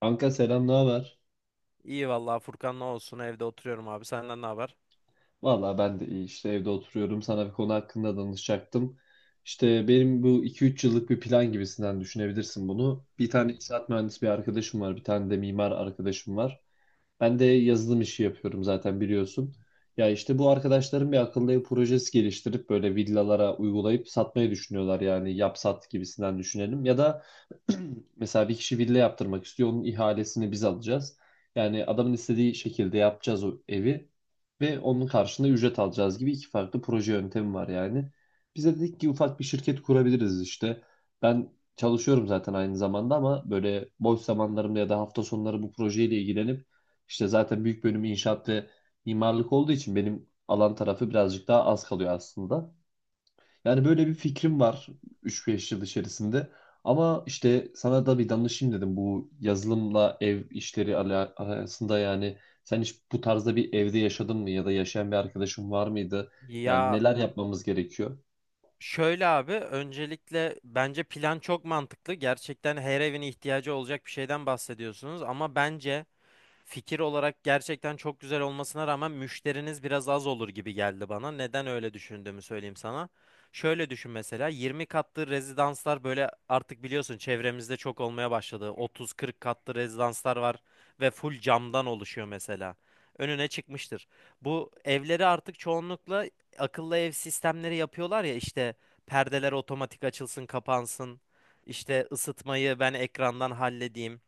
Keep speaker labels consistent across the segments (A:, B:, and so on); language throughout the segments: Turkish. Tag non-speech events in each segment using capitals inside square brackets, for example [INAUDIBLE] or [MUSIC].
A: Kanka selam, ne haber?
B: İyi vallahi Furkan, ne olsun, evde oturuyorum abi. Senden ne haber?
A: Valla ben de iyi işte evde oturuyorum. Sana bir konu hakkında danışacaktım. İşte benim bu iki üç yıllık bir plan gibisinden düşünebilirsin bunu. Bir tane inşaat mühendisi bir arkadaşım var. Bir tane de mimar arkadaşım var. Ben de yazılım işi yapıyorum zaten biliyorsun. Ya işte bu arkadaşlarım bir akıllı ev projesi geliştirip böyle villalara uygulayıp satmayı düşünüyorlar. Yani yap sat gibisinden düşünelim. Ya da [CLEARS THROAT] mesela bir kişi villa yaptırmak istiyor. Onun ihalesini biz alacağız. Yani adamın istediği şekilde yapacağız o evi ve onun karşılığında ücret alacağız gibi iki farklı proje yöntemi var yani. Bize dedik ki ufak bir şirket kurabiliriz işte. Ben çalışıyorum zaten aynı zamanda ama böyle boş zamanlarımda ya da hafta sonları bu projeyle ilgilenip işte zaten büyük bölümü inşaat ve mimarlık olduğu için benim alan tarafı birazcık daha az kalıyor aslında. Yani böyle bir fikrim var üç beş yıl içerisinde. Ama işte sana da bir danışayım dedim bu yazılımla ev işleri arasında yani sen hiç bu tarzda bir evde yaşadın mı ya da yaşayan bir arkadaşın var mıydı? Yani
B: Ya
A: neler yapmamız gerekiyor?
B: şöyle abi, öncelikle bence plan çok mantıklı. Gerçekten her evin ihtiyacı olacak bir şeyden bahsediyorsunuz ama bence fikir olarak gerçekten çok güzel olmasına rağmen müşteriniz biraz az olur gibi geldi bana. Neden öyle düşündüğümü söyleyeyim sana. Şöyle düşün, mesela 20 katlı rezidanslar, böyle artık biliyorsun çevremizde çok olmaya başladı. 30-40 katlı rezidanslar var ve full camdan oluşuyor mesela. Önüne çıkmıştır. Bu evleri artık çoğunlukla akıllı ev sistemleri yapıyorlar ya, işte perdeler otomatik açılsın kapansın. İşte ısıtmayı ben ekrandan halledeyim.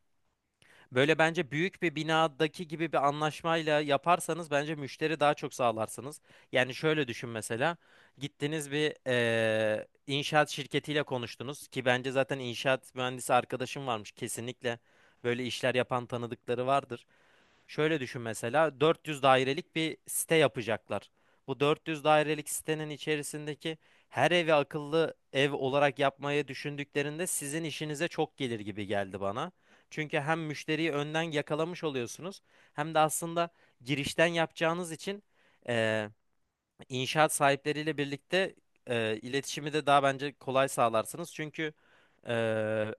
B: Böyle bence büyük bir binadaki gibi bir anlaşmayla yaparsanız bence müşteri daha çok sağlarsınız. Yani şöyle düşün mesela. Gittiniz bir inşaat şirketiyle konuştunuz ki bence zaten inşaat mühendisi arkadaşım varmış kesinlikle. Böyle işler yapan tanıdıkları vardır. Şöyle düşün, mesela 400 dairelik bir site yapacaklar. Bu 400 dairelik sitenin içerisindeki her evi akıllı ev olarak yapmayı düşündüklerinde sizin işinize çok gelir gibi geldi bana. Çünkü hem müşteriyi önden yakalamış oluyorsunuz, hem de aslında girişten yapacağınız için eee, İnşaat sahipleriyle birlikte iletişimi de daha bence kolay sağlarsınız. Çünkü e,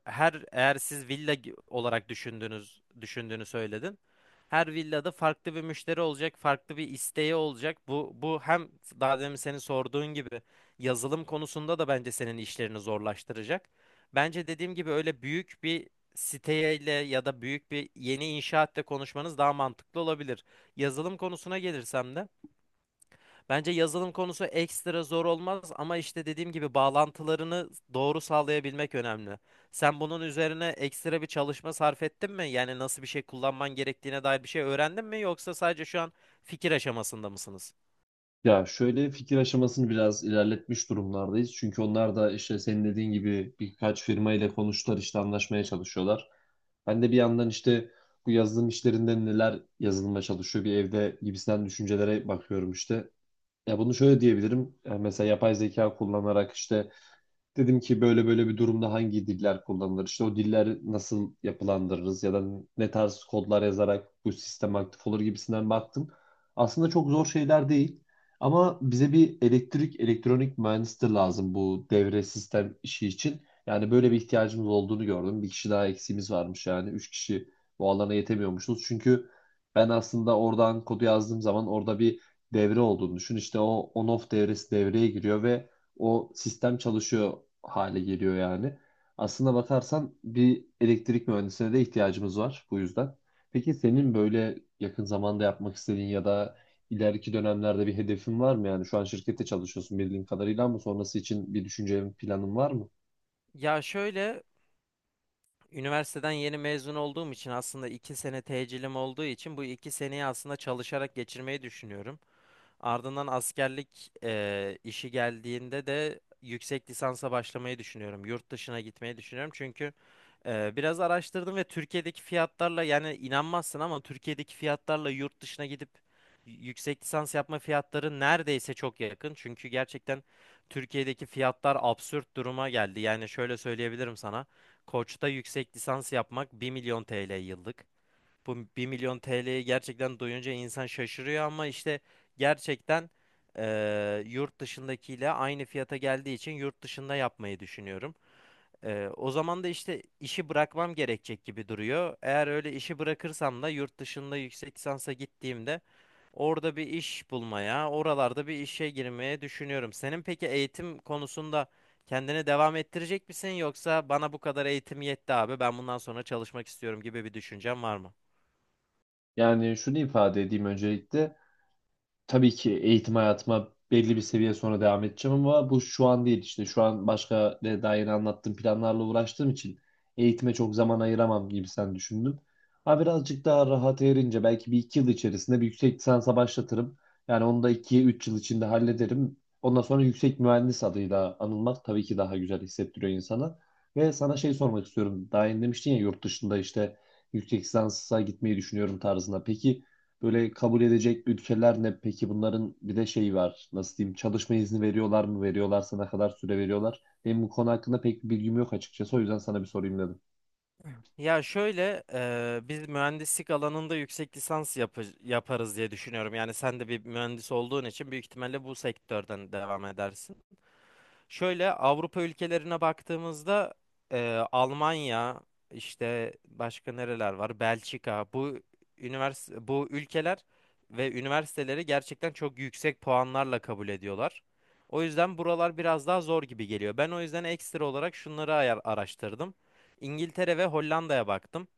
B: her eğer siz villa olarak düşündüğünü söyledin. Her villada farklı bir müşteri olacak, farklı bir isteği olacak. Bu hem daha demin senin sorduğun gibi yazılım konusunda da bence senin işlerini zorlaştıracak. Bence dediğim gibi öyle büyük bir siteyle ya da büyük bir yeni inşaatla konuşmanız daha mantıklı olabilir. Yazılım konusuna gelirsem de bence yazılım konusu ekstra zor olmaz ama işte dediğim gibi bağlantılarını doğru sağlayabilmek önemli. Sen bunun üzerine ekstra bir çalışma sarf ettin mi? Yani nasıl bir şey kullanman gerektiğine dair bir şey öğrendin mi? Yoksa sadece şu an fikir aşamasında mısınız?
A: Ya şöyle fikir aşamasını biraz ilerletmiş durumlardayız. Çünkü onlar da işte senin dediğin gibi birkaç firma ile konuştular işte anlaşmaya çalışıyorlar. Ben de bir yandan işte bu yazılım işlerinde neler yazılıma çalışıyor bir evde gibisinden düşüncelere bakıyorum işte. Ya bunu şöyle diyebilirim. Ya mesela yapay zeka kullanarak işte dedim ki böyle böyle bir durumda hangi diller kullanılır? İşte o diller nasıl yapılandırırız ya da ne tarz kodlar yazarak bu sistem aktif olur gibisinden baktım. Aslında çok zor şeyler değil. Ama bize bir elektrik, elektronik mühendisleri lazım bu devre sistem işi için. Yani böyle bir ihtiyacımız olduğunu gördüm. Bir kişi daha eksiğimiz varmış yani. Üç kişi bu alana yetemiyormuşuz. Çünkü ben aslında oradan kodu yazdığım zaman orada bir devre olduğunu düşün. İşte o on-off devresi devreye giriyor ve o sistem çalışıyor hale geliyor yani. Aslında bakarsan bir elektrik mühendisine de ihtiyacımız var bu yüzden. Peki senin böyle yakın zamanda yapmak istediğin ya da ileriki dönemlerde bir hedefin var mı? Yani şu an şirkette çalışıyorsun bildiğim kadarıyla ama sonrası için bir düşüncen, planın var mı?
B: Ya şöyle, üniversiteden yeni mezun olduğum için, aslında 2 sene tecilim olduğu için bu 2 seneyi aslında çalışarak geçirmeyi düşünüyorum. Ardından askerlik işi geldiğinde de yüksek lisansa başlamayı düşünüyorum. Yurt dışına gitmeyi düşünüyorum. Çünkü biraz araştırdım ve Türkiye'deki fiyatlarla, yani inanmazsın ama Türkiye'deki fiyatlarla yurt dışına gidip yüksek lisans yapma fiyatları neredeyse çok yakın. Çünkü gerçekten Türkiye'deki fiyatlar absürt duruma geldi. Yani şöyle söyleyebilirim sana. Koç'ta yüksek lisans yapmak 1 milyon TL yıllık. Bu 1 milyon TL'yi gerçekten duyunca insan şaşırıyor ama işte gerçekten yurt dışındakiyle aynı fiyata geldiği için yurt dışında yapmayı düşünüyorum. O zaman da işte işi bırakmam gerekecek gibi duruyor. Eğer öyle işi bırakırsam da yurt dışında yüksek lisansa gittiğimde orada bir iş bulmaya, oralarda bir işe girmeye düşünüyorum. Senin peki eğitim konusunda kendini devam ettirecek misin, yoksa bana bu kadar eğitim yetti abi, ben bundan sonra çalışmak istiyorum gibi bir düşüncen var mı?
A: Yani şunu ifade edeyim öncelikle. Tabii ki eğitim hayatıma belli bir seviye sonra devam edeceğim ama bu şu an değil işte şu an başka daha yeni anlattığım planlarla uğraştığım için eğitime çok zaman ayıramam gibi sen düşündüm. Ha birazcık daha rahat erince belki bir iki yıl içerisinde bir yüksek lisansa başlatırım. Yani onu da iki üç yıl içinde hallederim. Ondan sonra yüksek mühendis adıyla anılmak tabii ki daha güzel hissettiriyor insana. Ve sana şey sormak istiyorum. Daha yeni demiştin ya yurt dışında işte yüksek lisansa gitmeyi düşünüyorum tarzında. Peki böyle kabul edecek ülkeler ne? Peki bunların bir de şeyi var. Nasıl diyeyim? Çalışma izni veriyorlar mı? Veriyorlarsa ne kadar süre veriyorlar? Benim bu konu hakkında pek bir bilgim yok açıkçası. O yüzden sana bir sorayım dedim.
B: Ya şöyle biz mühendislik alanında yüksek lisans yaparız diye düşünüyorum. Yani sen de bir mühendis olduğun için büyük ihtimalle bu sektörden devam edersin. Şöyle Avrupa ülkelerine baktığımızda Almanya, işte başka nereler var? Belçika, bu üniversite, bu ülkeler ve üniversiteleri gerçekten çok yüksek puanlarla kabul ediyorlar. O yüzden buralar biraz daha zor gibi geliyor. Ben o yüzden ekstra olarak şunları araştırdım. İngiltere ve Hollanda'ya baktım.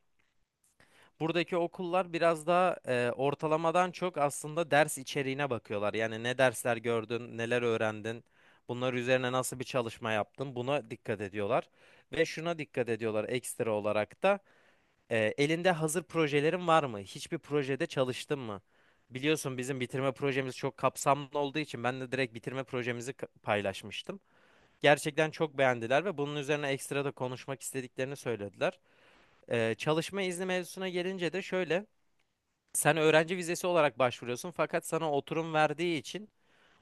B: Buradaki okullar biraz daha ortalamadan çok aslında ders içeriğine bakıyorlar. Yani ne dersler gördün, neler öğrendin, bunlar üzerine nasıl bir çalışma yaptın, buna dikkat ediyorlar. Ve şuna dikkat ediyorlar ekstra olarak da, elinde hazır projelerin var mı? Hiçbir projede çalıştın mı? Biliyorsun bizim bitirme projemiz çok kapsamlı olduğu için ben de direkt bitirme projemizi paylaşmıştım. Gerçekten çok beğendiler ve bunun üzerine ekstra da konuşmak istediklerini söylediler. Çalışma izni mevzusuna gelince de şöyle, sen öğrenci vizesi olarak başvuruyorsun fakat sana oturum verdiği için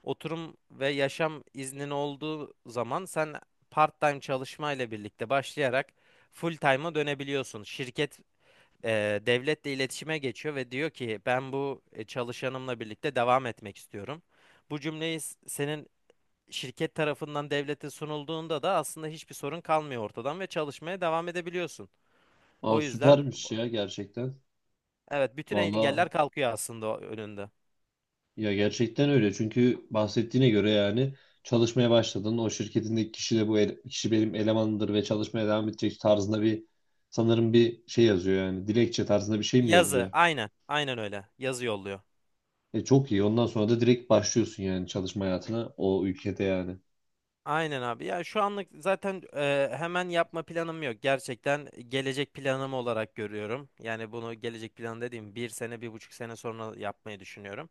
B: oturum ve yaşam iznin olduğu zaman sen part-time çalışmayla birlikte başlayarak full-time'a dönebiliyorsun. Şirket devletle iletişime geçiyor ve diyor ki ben bu çalışanımla birlikte devam etmek istiyorum. Bu cümleyi senin şirket tarafından devlete sunulduğunda da aslında hiçbir sorun kalmıyor ortadan ve çalışmaya devam edebiliyorsun. O
A: Aa,
B: yüzden
A: süpermiş ya gerçekten.
B: evet, bütün engeller
A: Valla
B: kalkıyor aslında önünde.
A: ya gerçekten öyle. Çünkü bahsettiğine göre yani çalışmaya başladın. O şirketindeki kişi de bu kişi benim elemanımdır ve çalışmaya devam edecek tarzında bir sanırım bir şey yazıyor yani. Dilekçe tarzında bir şey mi
B: Yazı.
A: yolluyor?
B: Aynen. Aynen öyle. Yazı yolluyor.
A: E çok iyi. Ondan sonra da direkt başlıyorsun yani çalışma hayatına o ülkede yani.
B: Aynen abi. Ya şu anlık zaten hemen yapma planım yok. Gerçekten gelecek planım olarak görüyorum. Yani bunu gelecek plan dediğim, 1 sene, 1,5 sene sonra yapmayı düşünüyorum.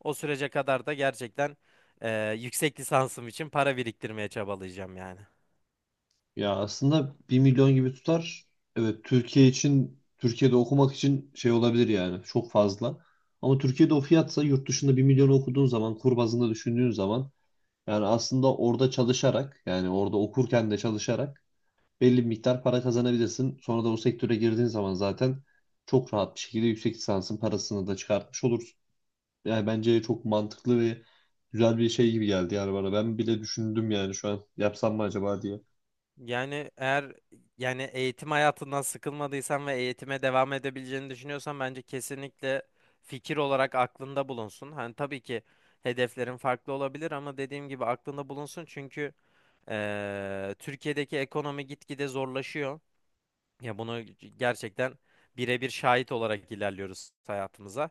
B: O sürece kadar da gerçekten yüksek lisansım için para biriktirmeye çabalayacağım yani.
A: Ya aslında 1 milyon gibi tutar. Evet Türkiye için Türkiye'de okumak için şey olabilir yani çok fazla. Ama Türkiye'de o fiyatsa yurt dışında 1 milyonu okuduğun zaman kur bazında düşündüğün zaman yani aslında orada çalışarak yani orada okurken de çalışarak belli bir miktar para kazanabilirsin. Sonra da o sektöre girdiğin zaman zaten çok rahat bir şekilde yüksek lisansın parasını da çıkartmış olursun. Yani bence çok mantıklı ve güzel bir şey gibi geldi yani bana. Ben bile düşündüm yani şu an yapsam mı acaba diye.
B: Yani eğer yani eğitim hayatından sıkılmadıysan ve eğitime devam edebileceğini düşünüyorsan bence kesinlikle fikir olarak aklında bulunsun. Hani tabii ki hedeflerin farklı olabilir ama dediğim gibi aklında bulunsun çünkü Türkiye'deki ekonomi gitgide zorlaşıyor. Ya bunu gerçekten birebir şahit olarak ilerliyoruz hayatımıza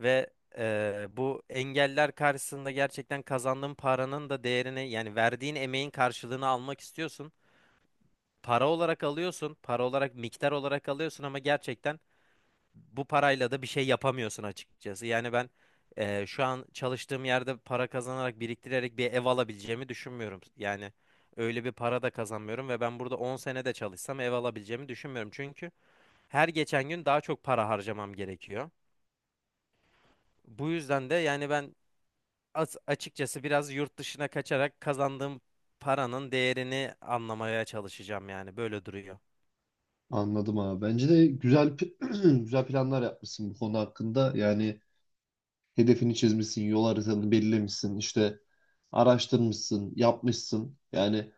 B: ve bu engeller karşısında gerçekten kazandığın paranın da değerini, yani verdiğin emeğin karşılığını almak istiyorsun, para olarak alıyorsun, para olarak, miktar olarak alıyorsun ama gerçekten bu parayla da bir şey yapamıyorsun açıkçası. Yani ben şu an çalıştığım yerde para kazanarak, biriktirerek bir ev alabileceğimi düşünmüyorum. Yani öyle bir para da kazanmıyorum ve ben burada 10 sene de çalışsam ev alabileceğimi düşünmüyorum. Çünkü her geçen gün daha çok para harcamam gerekiyor. Bu yüzden de yani ben açıkçası biraz yurt dışına kaçarak kazandığım paranın değerini anlamaya çalışacağım, yani böyle duruyor.
A: Anladım abi. Bence de güzel [CLEARS THROAT] güzel planlar yapmışsın bu konu hakkında. Yani hedefini çizmişsin, yol haritanı belirlemişsin, işte araştırmışsın, yapmışsın. Yani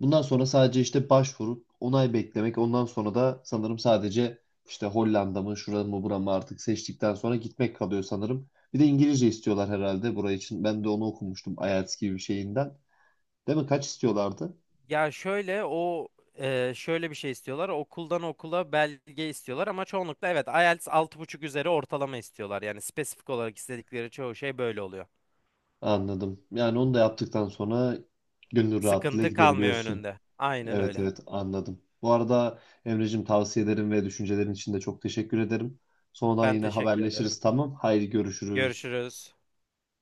A: bundan sonra sadece işte başvurup onay beklemek. Ondan sonra da sanırım sadece işte Hollanda mı, şurada mı, bura mı artık seçtikten sonra gitmek kalıyor sanırım. Bir de İngilizce istiyorlar herhalde buraya için. Ben de onu okumuştum IELTS gibi bir şeyinden. Değil mi? Kaç istiyorlardı?
B: Ya şöyle, o şöyle bir şey istiyorlar. Okuldan okula belge istiyorlar ama çoğunlukla evet, IELTS 6,5 üzeri ortalama istiyorlar. Yani spesifik olarak istedikleri çoğu şey böyle oluyor.
A: Anladım. Yani onu da yaptıktan sonra gönül rahatlığıyla
B: Sıkıntı kalmıyor
A: gidebiliyorsun.
B: önünde. Aynen
A: Evet
B: öyle.
A: evet anladım. Bu arada Emre'cim tavsiyelerin ve düşüncelerin için de çok teşekkür ederim. Sonradan
B: Ben
A: yine
B: teşekkür ederim.
A: haberleşiriz tamam. Haydi görüşürüz.
B: Görüşürüz.